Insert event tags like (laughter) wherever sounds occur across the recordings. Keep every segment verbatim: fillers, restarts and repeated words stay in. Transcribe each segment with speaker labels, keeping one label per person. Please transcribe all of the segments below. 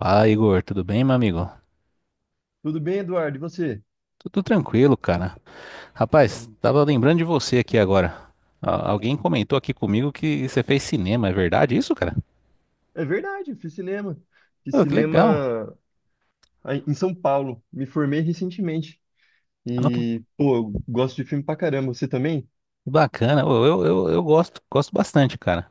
Speaker 1: Fala, Igor, tudo bem, meu amigo?
Speaker 2: Tudo bem, Eduardo? E você?
Speaker 1: Tudo tranquilo, cara. Rapaz, tava lembrando de você aqui agora. Ah, Alguém comentou aqui comigo que você fez cinema, é verdade isso, cara?
Speaker 2: É verdade, eu fiz cinema. Fiz
Speaker 1: Ô, que legal.
Speaker 2: cinema aí em São Paulo. Me formei recentemente.
Speaker 1: Ó, que
Speaker 2: E, pô, eu gosto de filme pra caramba. Você também? O
Speaker 1: bacana. Ô, eu, eu, eu gosto, gosto bastante, cara.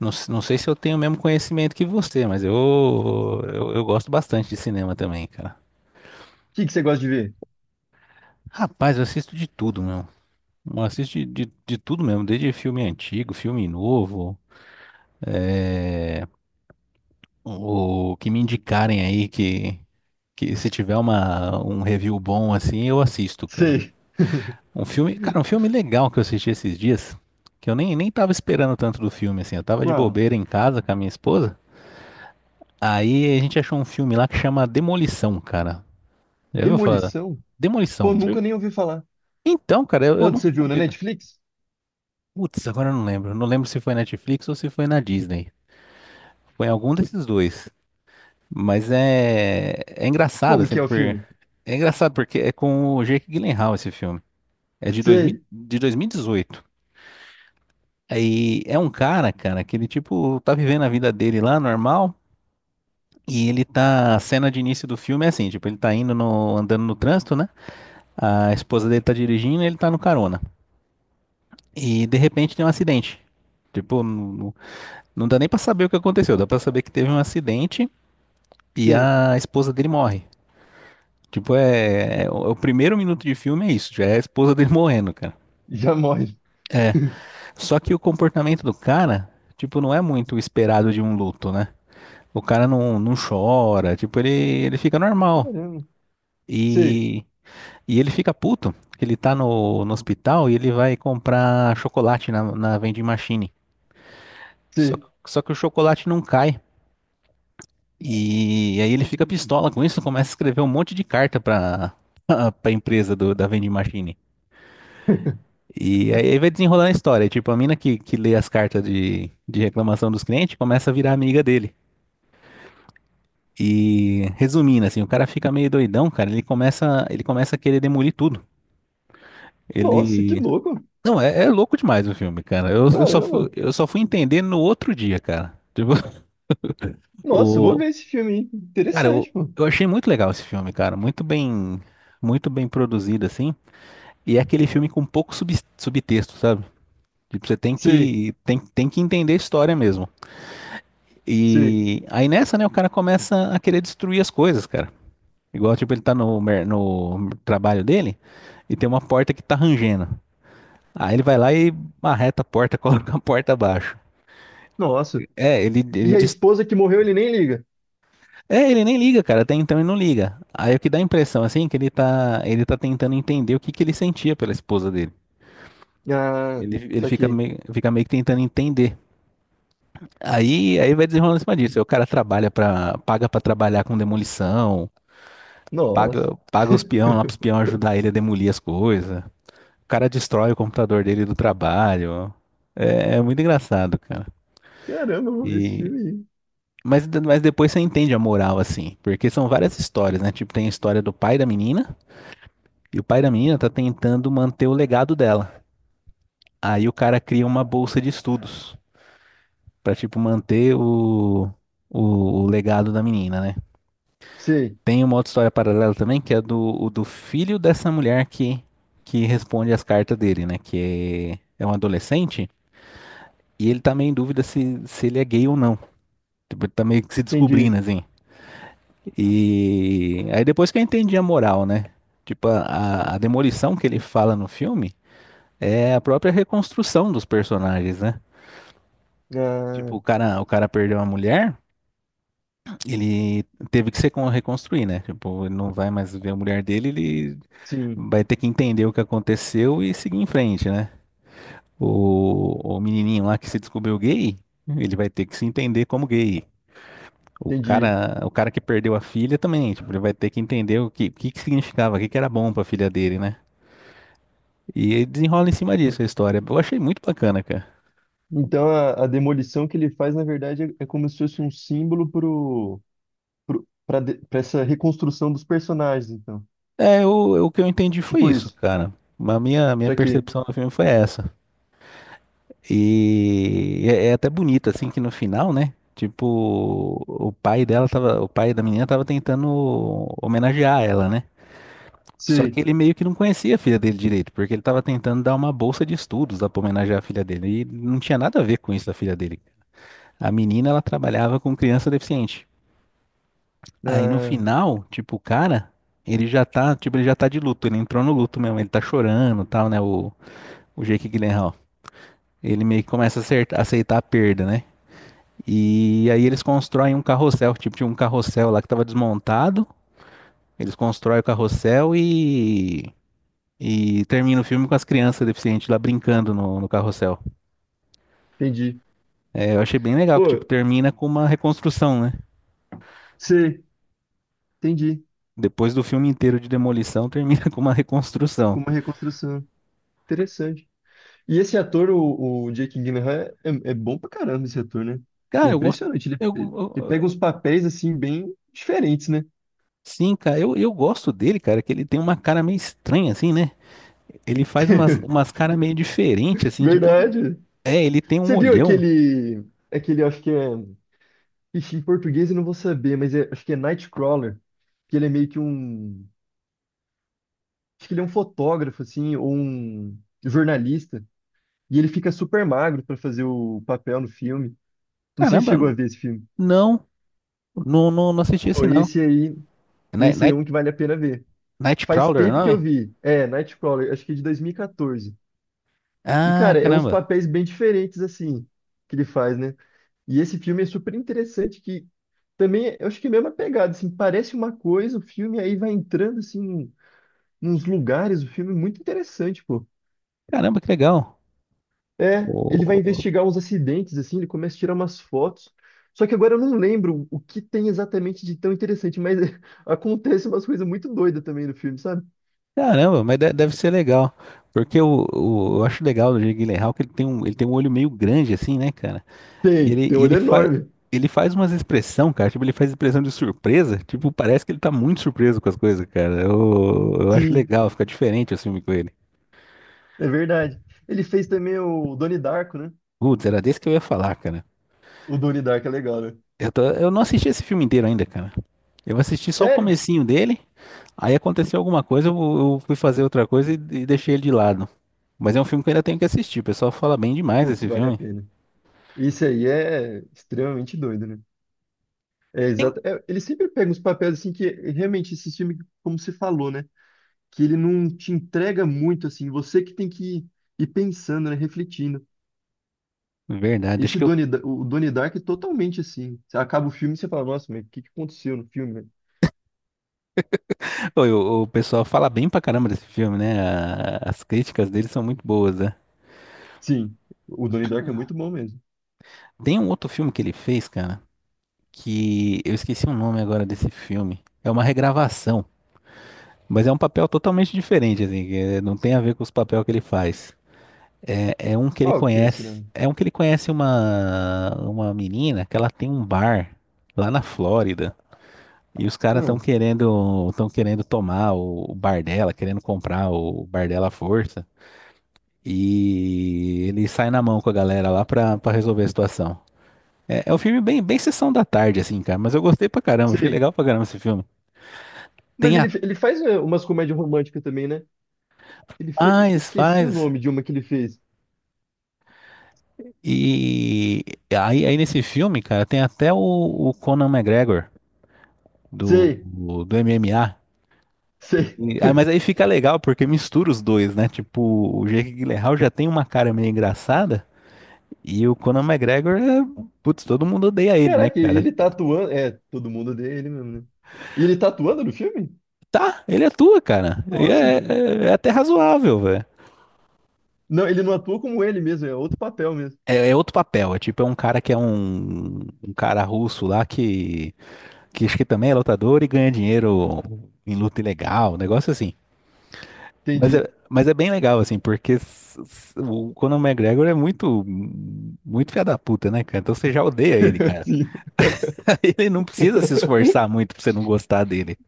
Speaker 1: Não, s- não sei se eu tenho o mesmo conhecimento que você, mas eu, eu, eu gosto bastante de cinema também, cara.
Speaker 2: que que você gosta de ver?
Speaker 1: Rapaz, eu assisto de tudo, meu. Eu assisto de, de, de tudo mesmo, desde filme antigo, filme novo. O que me indicarem aí que, que se tiver uma, um review bom assim, eu assisto, cara.
Speaker 2: Sei.
Speaker 1: Um filme, cara, um
Speaker 2: (laughs)
Speaker 1: filme legal que eu assisti esses dias, que eu nem, nem tava esperando tanto do filme, assim. Eu tava de
Speaker 2: Qual?
Speaker 1: bobeira em casa com a minha esposa. Aí a gente achou um filme lá que chama Demolição, cara. Já ouviu falar?
Speaker 2: Demolição? Pô,
Speaker 1: Demolição. Sim.
Speaker 2: nunca nem ouvi falar.
Speaker 1: Então, cara, eu, eu
Speaker 2: Onde
Speaker 1: nunca
Speaker 2: você
Speaker 1: tinha
Speaker 2: viu? Na
Speaker 1: ouvido.
Speaker 2: Netflix?
Speaker 1: Putz, agora eu não lembro. Não lembro se foi Netflix ou se foi na Disney. Foi em algum desses dois. Mas é, é engraçado,
Speaker 2: Como
Speaker 1: assim,
Speaker 2: que é o
Speaker 1: por... é
Speaker 2: filme?
Speaker 1: engraçado porque é com o Jake Gyllenhaal esse filme. É de, dois mil
Speaker 2: Sei,
Speaker 1: de dois mil e dezoito. Aí é um cara, cara, que ele, tipo, tá vivendo a vida dele lá, normal, e ele tá, a cena de início do filme é assim, tipo, ele tá indo no, andando no trânsito, né? A esposa dele tá dirigindo, e ele tá no carona. E, de repente, tem um acidente. Tipo, não, não não dá nem pra saber o que aconteceu, dá pra saber que teve um acidente e
Speaker 2: sei.
Speaker 1: a esposa dele morre. Tipo, é, é- O é o primeiro minuto de filme é isso, já é a esposa dele (laughs) morrendo, cara.
Speaker 2: Já morre. (laughs)
Speaker 1: Só que o comportamento do cara, tipo, não é muito o esperado de um luto, né? O cara não, não chora, tipo, ele, ele fica normal.
Speaker 2: Caramba. Sei,
Speaker 1: E, e ele fica puto. Que Ele tá no, no hospital e ele vai comprar chocolate na, na vending machine. Só,
Speaker 2: sei.
Speaker 1: só que o chocolate não cai. E aí ele fica pistola com isso, começa a escrever um monte de carta pra, (laughs) pra empresa do, da vending machine. E aí aí vai desenrolando a história. Tipo, a mina que, que lê as cartas de, de reclamação dos clientes começa a virar amiga dele. E resumindo, assim, o cara fica meio doidão, cara. Ele começa, ele começa a querer demolir tudo.
Speaker 2: Nossa, que
Speaker 1: Ele.
Speaker 2: louco.
Speaker 1: Não, é, é louco demais o filme, cara. Eu, eu só fui,
Speaker 2: Caramba.
Speaker 1: eu só fui entender no outro dia, cara. Tipo, (laughs)
Speaker 2: Nossa, eu vou
Speaker 1: o.
Speaker 2: ver esse filme, hein?
Speaker 1: Cara, eu,
Speaker 2: Interessante, pô.
Speaker 1: eu achei muito legal esse filme, cara. Muito bem. Muito bem produzido, assim. E é aquele filme com pouco sub, subtexto, sabe? Tipo, você tem
Speaker 2: Sei,
Speaker 1: que, tem, tem que entender a história mesmo.
Speaker 2: sei.
Speaker 1: E aí nessa, né, o cara começa a querer destruir as coisas, cara. Igual, tipo, ele tá no, mer- no trabalho dele e tem uma porta que tá rangendo. Aí ele vai lá e marreta a porta, (laughs) coloca a porta abaixo.
Speaker 2: Nossa.
Speaker 1: É, ele,
Speaker 2: E
Speaker 1: ele
Speaker 2: a
Speaker 1: diz...
Speaker 2: esposa que morreu, ele nem liga.
Speaker 1: É, ele nem liga, cara, até então ele não liga. Aí o que dá a impressão, assim, é que ele tá, ele tá tentando entender o que que ele sentia pela esposa dele.
Speaker 2: Ah,
Speaker 1: Ele, ele
Speaker 2: isso
Speaker 1: fica
Speaker 2: aqui.
Speaker 1: meio, fica meio que tentando entender. Aí, aí vai desenrolando em cima disso. Aí o cara trabalha para, paga pra trabalhar com demolição.
Speaker 2: Nossa.
Speaker 1: Paga, paga os
Speaker 2: (laughs)
Speaker 1: peão lá pros peão ajudar ele a demolir as coisas. O cara destrói o computador dele do trabalho. É, é muito engraçado, cara.
Speaker 2: Caramba, eu vou ver esse
Speaker 1: E,
Speaker 2: filme aí.
Speaker 1: mas, de- mas depois você entende a moral, assim. Porque são várias histórias, né? Tipo, tem a história do pai da menina. E o pai da menina tá tentando manter o legado dela. Aí o cara cria uma bolsa de estudos. Pra, tipo, manter o, o, o legado da menina, né?
Speaker 2: Sei,
Speaker 1: Tem uma outra história paralela também, que é do, o do filho dessa mulher que, que responde as cartas dele, né? Que é, é um adolescente, e ele tá meio em dúvida se, se ele é gay ou não. Tipo, ele tá meio que se
Speaker 2: entendi.
Speaker 1: descobrindo, assim. E aí depois que eu entendi a moral, né? Tipo, a, a a demolição que ele fala no filme é a própria reconstrução dos personagens, né? Tipo,
Speaker 2: Ah,
Speaker 1: o cara, o cara perdeu a mulher. Ele teve que se con- reconstruir, né? Tipo, ele não vai mais ver a mulher dele, ele
Speaker 2: sim,
Speaker 1: vai ter que entender o que aconteceu e seguir em frente, né? O, o menininho lá que se descobriu gay, ele vai ter que se entender como gay. O
Speaker 2: entendi.
Speaker 1: cara, o cara que perdeu a filha também, tipo, ele vai ter que entender o que, o que, que significava, o que, que era bom pra filha dele, né? E ele desenrola em cima disso a história. Eu achei muito bacana, cara.
Speaker 2: Então a, a demolição que ele faz, na verdade, é, é como se fosse um símbolo pro, pro, pra, de- pra essa reconstrução dos personagens, então.
Speaker 1: É, o, o que eu entendi foi
Speaker 2: Tipo
Speaker 1: isso,
Speaker 2: isso.
Speaker 1: cara. A minha, minha
Speaker 2: Isso aqui.
Speaker 1: percepção do filme foi essa. E é, é até bonito, assim, que no final, né? Tipo, o pai dela tava, o pai da menina tava tentando homenagear ela, né? Só que
Speaker 2: Sei.
Speaker 1: ele meio que não conhecia a filha dele direito, porque ele tava tentando dar uma bolsa de estudos lá pra homenagear a filha dele. E não tinha nada a ver com isso da filha dele. A menina, ela trabalhava com criança deficiente. Aí no
Speaker 2: Ah,
Speaker 1: final, tipo, o cara, ele já tá, tipo, ele já tá de luto, ele entrou no luto mesmo, ele tá chorando, e tal, né? O, o Jake Gyllenhaal. Ele meio que começa a acertar- aceitar a perda, né? E aí eles constroem um carrossel, tipo, tinha um carrossel lá que tava desmontado. Eles constroem o carrossel e. E termina o filme com as crianças deficientes lá brincando no, no carrossel.
Speaker 2: entendi.
Speaker 1: É, eu achei bem legal, que tipo,
Speaker 2: Pô,
Speaker 1: termina com uma reconstrução, né?
Speaker 2: sei, entendi.
Speaker 1: Depois do filme inteiro de demolição, termina (laughs) com uma reconstrução.
Speaker 2: Com uma reconstrução. Interessante. E esse ator, o, o Jake Gyllenhaal, é, é bom pra caramba esse ator, né? É
Speaker 1: Cara, eu gosto.
Speaker 2: impressionante. Ele,
Speaker 1: Eu,
Speaker 2: ele, ele pega
Speaker 1: eu-
Speaker 2: uns papéis, assim, bem diferentes, né?
Speaker 1: sim, cara, eu, eu gosto dele, cara, que ele tem uma cara meio estranha, assim, né? Ele faz umas, umas
Speaker 2: (laughs)
Speaker 1: caras meio diferentes, assim, tipo.
Speaker 2: Verdade.
Speaker 1: É, ele tem um
Speaker 2: Você viu
Speaker 1: olhão.
Speaker 2: aquele, aquele, acho que é... Ixi, em português eu não vou saber, mas é- acho que é Nightcrawler, que ele é meio que um... Acho que ele é um fotógrafo, assim, ou um jornalista. E ele fica super magro pra fazer o papel no filme. Não sei se
Speaker 1: Caramba,
Speaker 2: chegou a ver esse filme.
Speaker 1: não, não, não, não assisti
Speaker 2: Pô,
Speaker 1: esse não.
Speaker 2: esse aí,
Speaker 1: Night,
Speaker 2: esse aí é
Speaker 1: Night,
Speaker 2: um que vale a pena ver. Faz
Speaker 1: Nightcrawler, o
Speaker 2: tempo que eu
Speaker 1: nome?
Speaker 2: vi. É, Nightcrawler, acho que é de dois mil e quatorze. E, quatorze. E,
Speaker 1: Ah,
Speaker 2: cara, é uns
Speaker 1: caramba.
Speaker 2: papéis bem diferentes, assim, que ele faz, né? E esse filme é super interessante, que também, eu acho que é a mesma pegada, assim, parece uma coisa, o filme aí vai entrando, assim, nos lugares, o filme é muito interessante, pô.
Speaker 1: Caramba, que legal.
Speaker 2: É, ele vai
Speaker 1: Ô,
Speaker 2: investigar uns acidentes, assim, ele começa a tirar umas fotos. Só que agora eu não lembro o que tem exatamente de tão interessante, mas (laughs) acontece umas coisas muito doidas também no filme, sabe?
Speaker 1: Caramba, mas de- deve ser legal. Porque o, o- eu acho legal do Jake Gyllenhaal que ele tem um, ele tem um olho meio grande assim, né, cara? E
Speaker 2: Tem,
Speaker 1: ele,
Speaker 2: tem um
Speaker 1: e
Speaker 2: olho
Speaker 1: ele faz
Speaker 2: enorme.
Speaker 1: ele faz umas expressão, cara, tipo, ele faz expressão de surpresa, tipo, parece que ele tá muito surpreso com as coisas, cara. Eu, eu acho
Speaker 2: Sim.
Speaker 1: legal, fica diferente o filme com ele.
Speaker 2: É verdade. Ele fez também o Donnie Darko, né?
Speaker 1: Putz, era desse que eu ia falar, cara.
Speaker 2: O Donnie Darko é legal, né?
Speaker 1: Eu tô- eu não assisti esse filme inteiro ainda, cara. Eu assisti só o
Speaker 2: Sério?
Speaker 1: comecinho dele, aí aconteceu alguma coisa, eu, eu fui fazer outra coisa e, e deixei ele de lado. Mas é um filme que eu ainda tenho que assistir. O pessoal fala bem demais
Speaker 2: Putz,
Speaker 1: desse
Speaker 2: vale a
Speaker 1: filme.
Speaker 2: pena. Isso aí é extremamente doido, né? É
Speaker 1: Sim.
Speaker 2: exato. É, ele sempre pega uns papéis assim que realmente esse filme, como você falou, né? Que ele não te entrega muito assim. Você que tem que ir, ir pensando, né? Refletindo.
Speaker 1: Verdade, acho
Speaker 2: Esse
Speaker 1: que eu-
Speaker 2: Donnie, Da- o Donnie Darko é totalmente assim. Você acaba o filme e você fala, nossa, mas o que que aconteceu no filme, né?
Speaker 1: (laughs) Pô, eu- o, pessoal fala bem pra caramba desse filme, né? A- as críticas dele são muito boas, né?
Speaker 2: Sim, o Donnie Darko é muito bom mesmo.
Speaker 1: Tem um outro filme que ele fez, cara, que eu esqueci o nome agora desse filme. É uma regravação, mas é um papel totalmente diferente, assim, que, eh, não tem a ver com os papéis que ele faz. É, é um que ele
Speaker 2: Qual que é, será?
Speaker 1: conhece. É um que ele conhece uma, uma menina que ela tem um bar lá na Flórida. E os caras estão
Speaker 2: Ah,
Speaker 1: querendo, estão querendo tomar o, o bar dela, querendo comprar o bar dela à força. E ele sai na mão com a galera lá pra, pra resolver a situação. É, é um filme bem, bem sessão da tarde, assim, cara. Mas eu gostei pra caramba, achei
Speaker 2: sei.
Speaker 1: legal pra caramba esse filme.
Speaker 2: Mas
Speaker 1: Tem a
Speaker 2: ele, ele faz é, umas comédias românticas também, né? Ele fe... Eu
Speaker 1: faz,
Speaker 2: esqueci o
Speaker 1: faz.
Speaker 2: nome de uma que ele fez.
Speaker 1: E aí, aí nesse filme, cara, tem até o o Conan McGregor. do,
Speaker 2: Sei,
Speaker 1: do M M A.
Speaker 2: sei.
Speaker 1: E- ah, mas aí fica legal porque mistura os dois, né? Tipo, o Jake Gyllenhaal já tem uma cara meio engraçada e o Conor McGregor é, putz, todo mundo odeia ele, né,
Speaker 2: Caraca, e
Speaker 1: cara?
Speaker 2: ele tá atuando. É, todo mundo odeia ele mesmo, né? E ele tá atuando no filme?
Speaker 1: Tá, ele atua, cara. E
Speaker 2: Nossa,
Speaker 1: é,
Speaker 2: cara.
Speaker 1: é- é até razoável, velho.
Speaker 2: Não, ele não atua como ele mesmo, é outro papel mesmo.
Speaker 1: É, é outro papel, é tipo, é um cara que é um, um cara russo lá que, que acho que também é lutador e ganha dinheiro em luta ilegal, um negócio assim. Mas é,
Speaker 2: Entendi.
Speaker 1: mas é bem legal, assim, porque s- s- o Conor McGregor é muito, muito filha da puta, né, cara? Então você já odeia ele,
Speaker 2: (laughs)
Speaker 1: cara.
Speaker 2: Sim.
Speaker 1: (laughs) Ele não precisa se
Speaker 2: (laughs)
Speaker 1: esforçar muito pra você não gostar dele.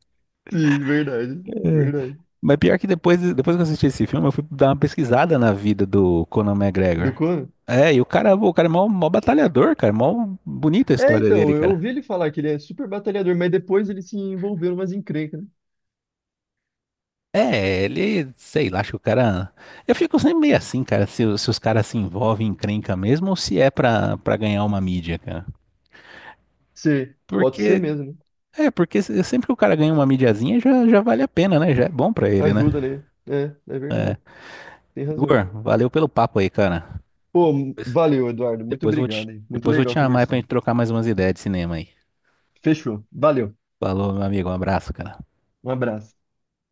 Speaker 2: Sim, verdade, verdade.
Speaker 1: Mas pior que depois, depois que eu assisti esse filme, eu fui dar uma pesquisada na vida do Conor
Speaker 2: Do
Speaker 1: McGregor.
Speaker 2: Conan?
Speaker 1: É, e o cara, o cara é mó, mó batalhador, cara. Mó bonita a
Speaker 2: É,
Speaker 1: história dele,
Speaker 2: então, eu
Speaker 1: cara.
Speaker 2: ouvi ele falar que ele é super batalhador, mas depois ele se envolveu numas encrencas, né?
Speaker 1: É, ele, sei lá, acho que o cara. Eu fico sempre meio assim, cara, se, os- se os caras se envolvem em encrenca mesmo ou se é pra, pra ganhar uma mídia, cara.
Speaker 2: Ser, pode ser
Speaker 1: Porque
Speaker 2: mesmo, né?
Speaker 1: é, porque se- sempre que o cara ganha uma mídiazinha, já, já vale a pena, né? Já é bom pra ele, né?
Speaker 2: Ajuda, né? É, é verdade. Tem razão.
Speaker 1: Igor, valeu pelo papo aí, cara.
Speaker 2: Pô,
Speaker 1: Depois,
Speaker 2: valeu, Eduardo. Muito
Speaker 1: depois vou
Speaker 2: obrigado,
Speaker 1: te,
Speaker 2: hein? Muito
Speaker 1: depois vou te
Speaker 2: legal
Speaker 1: chamar aí pra
Speaker 2: conversar.
Speaker 1: gente trocar mais umas ideias de cinema aí.
Speaker 2: Fechou. Valeu.
Speaker 1: Falou, meu amigo. Um abraço, cara.
Speaker 2: Um abraço.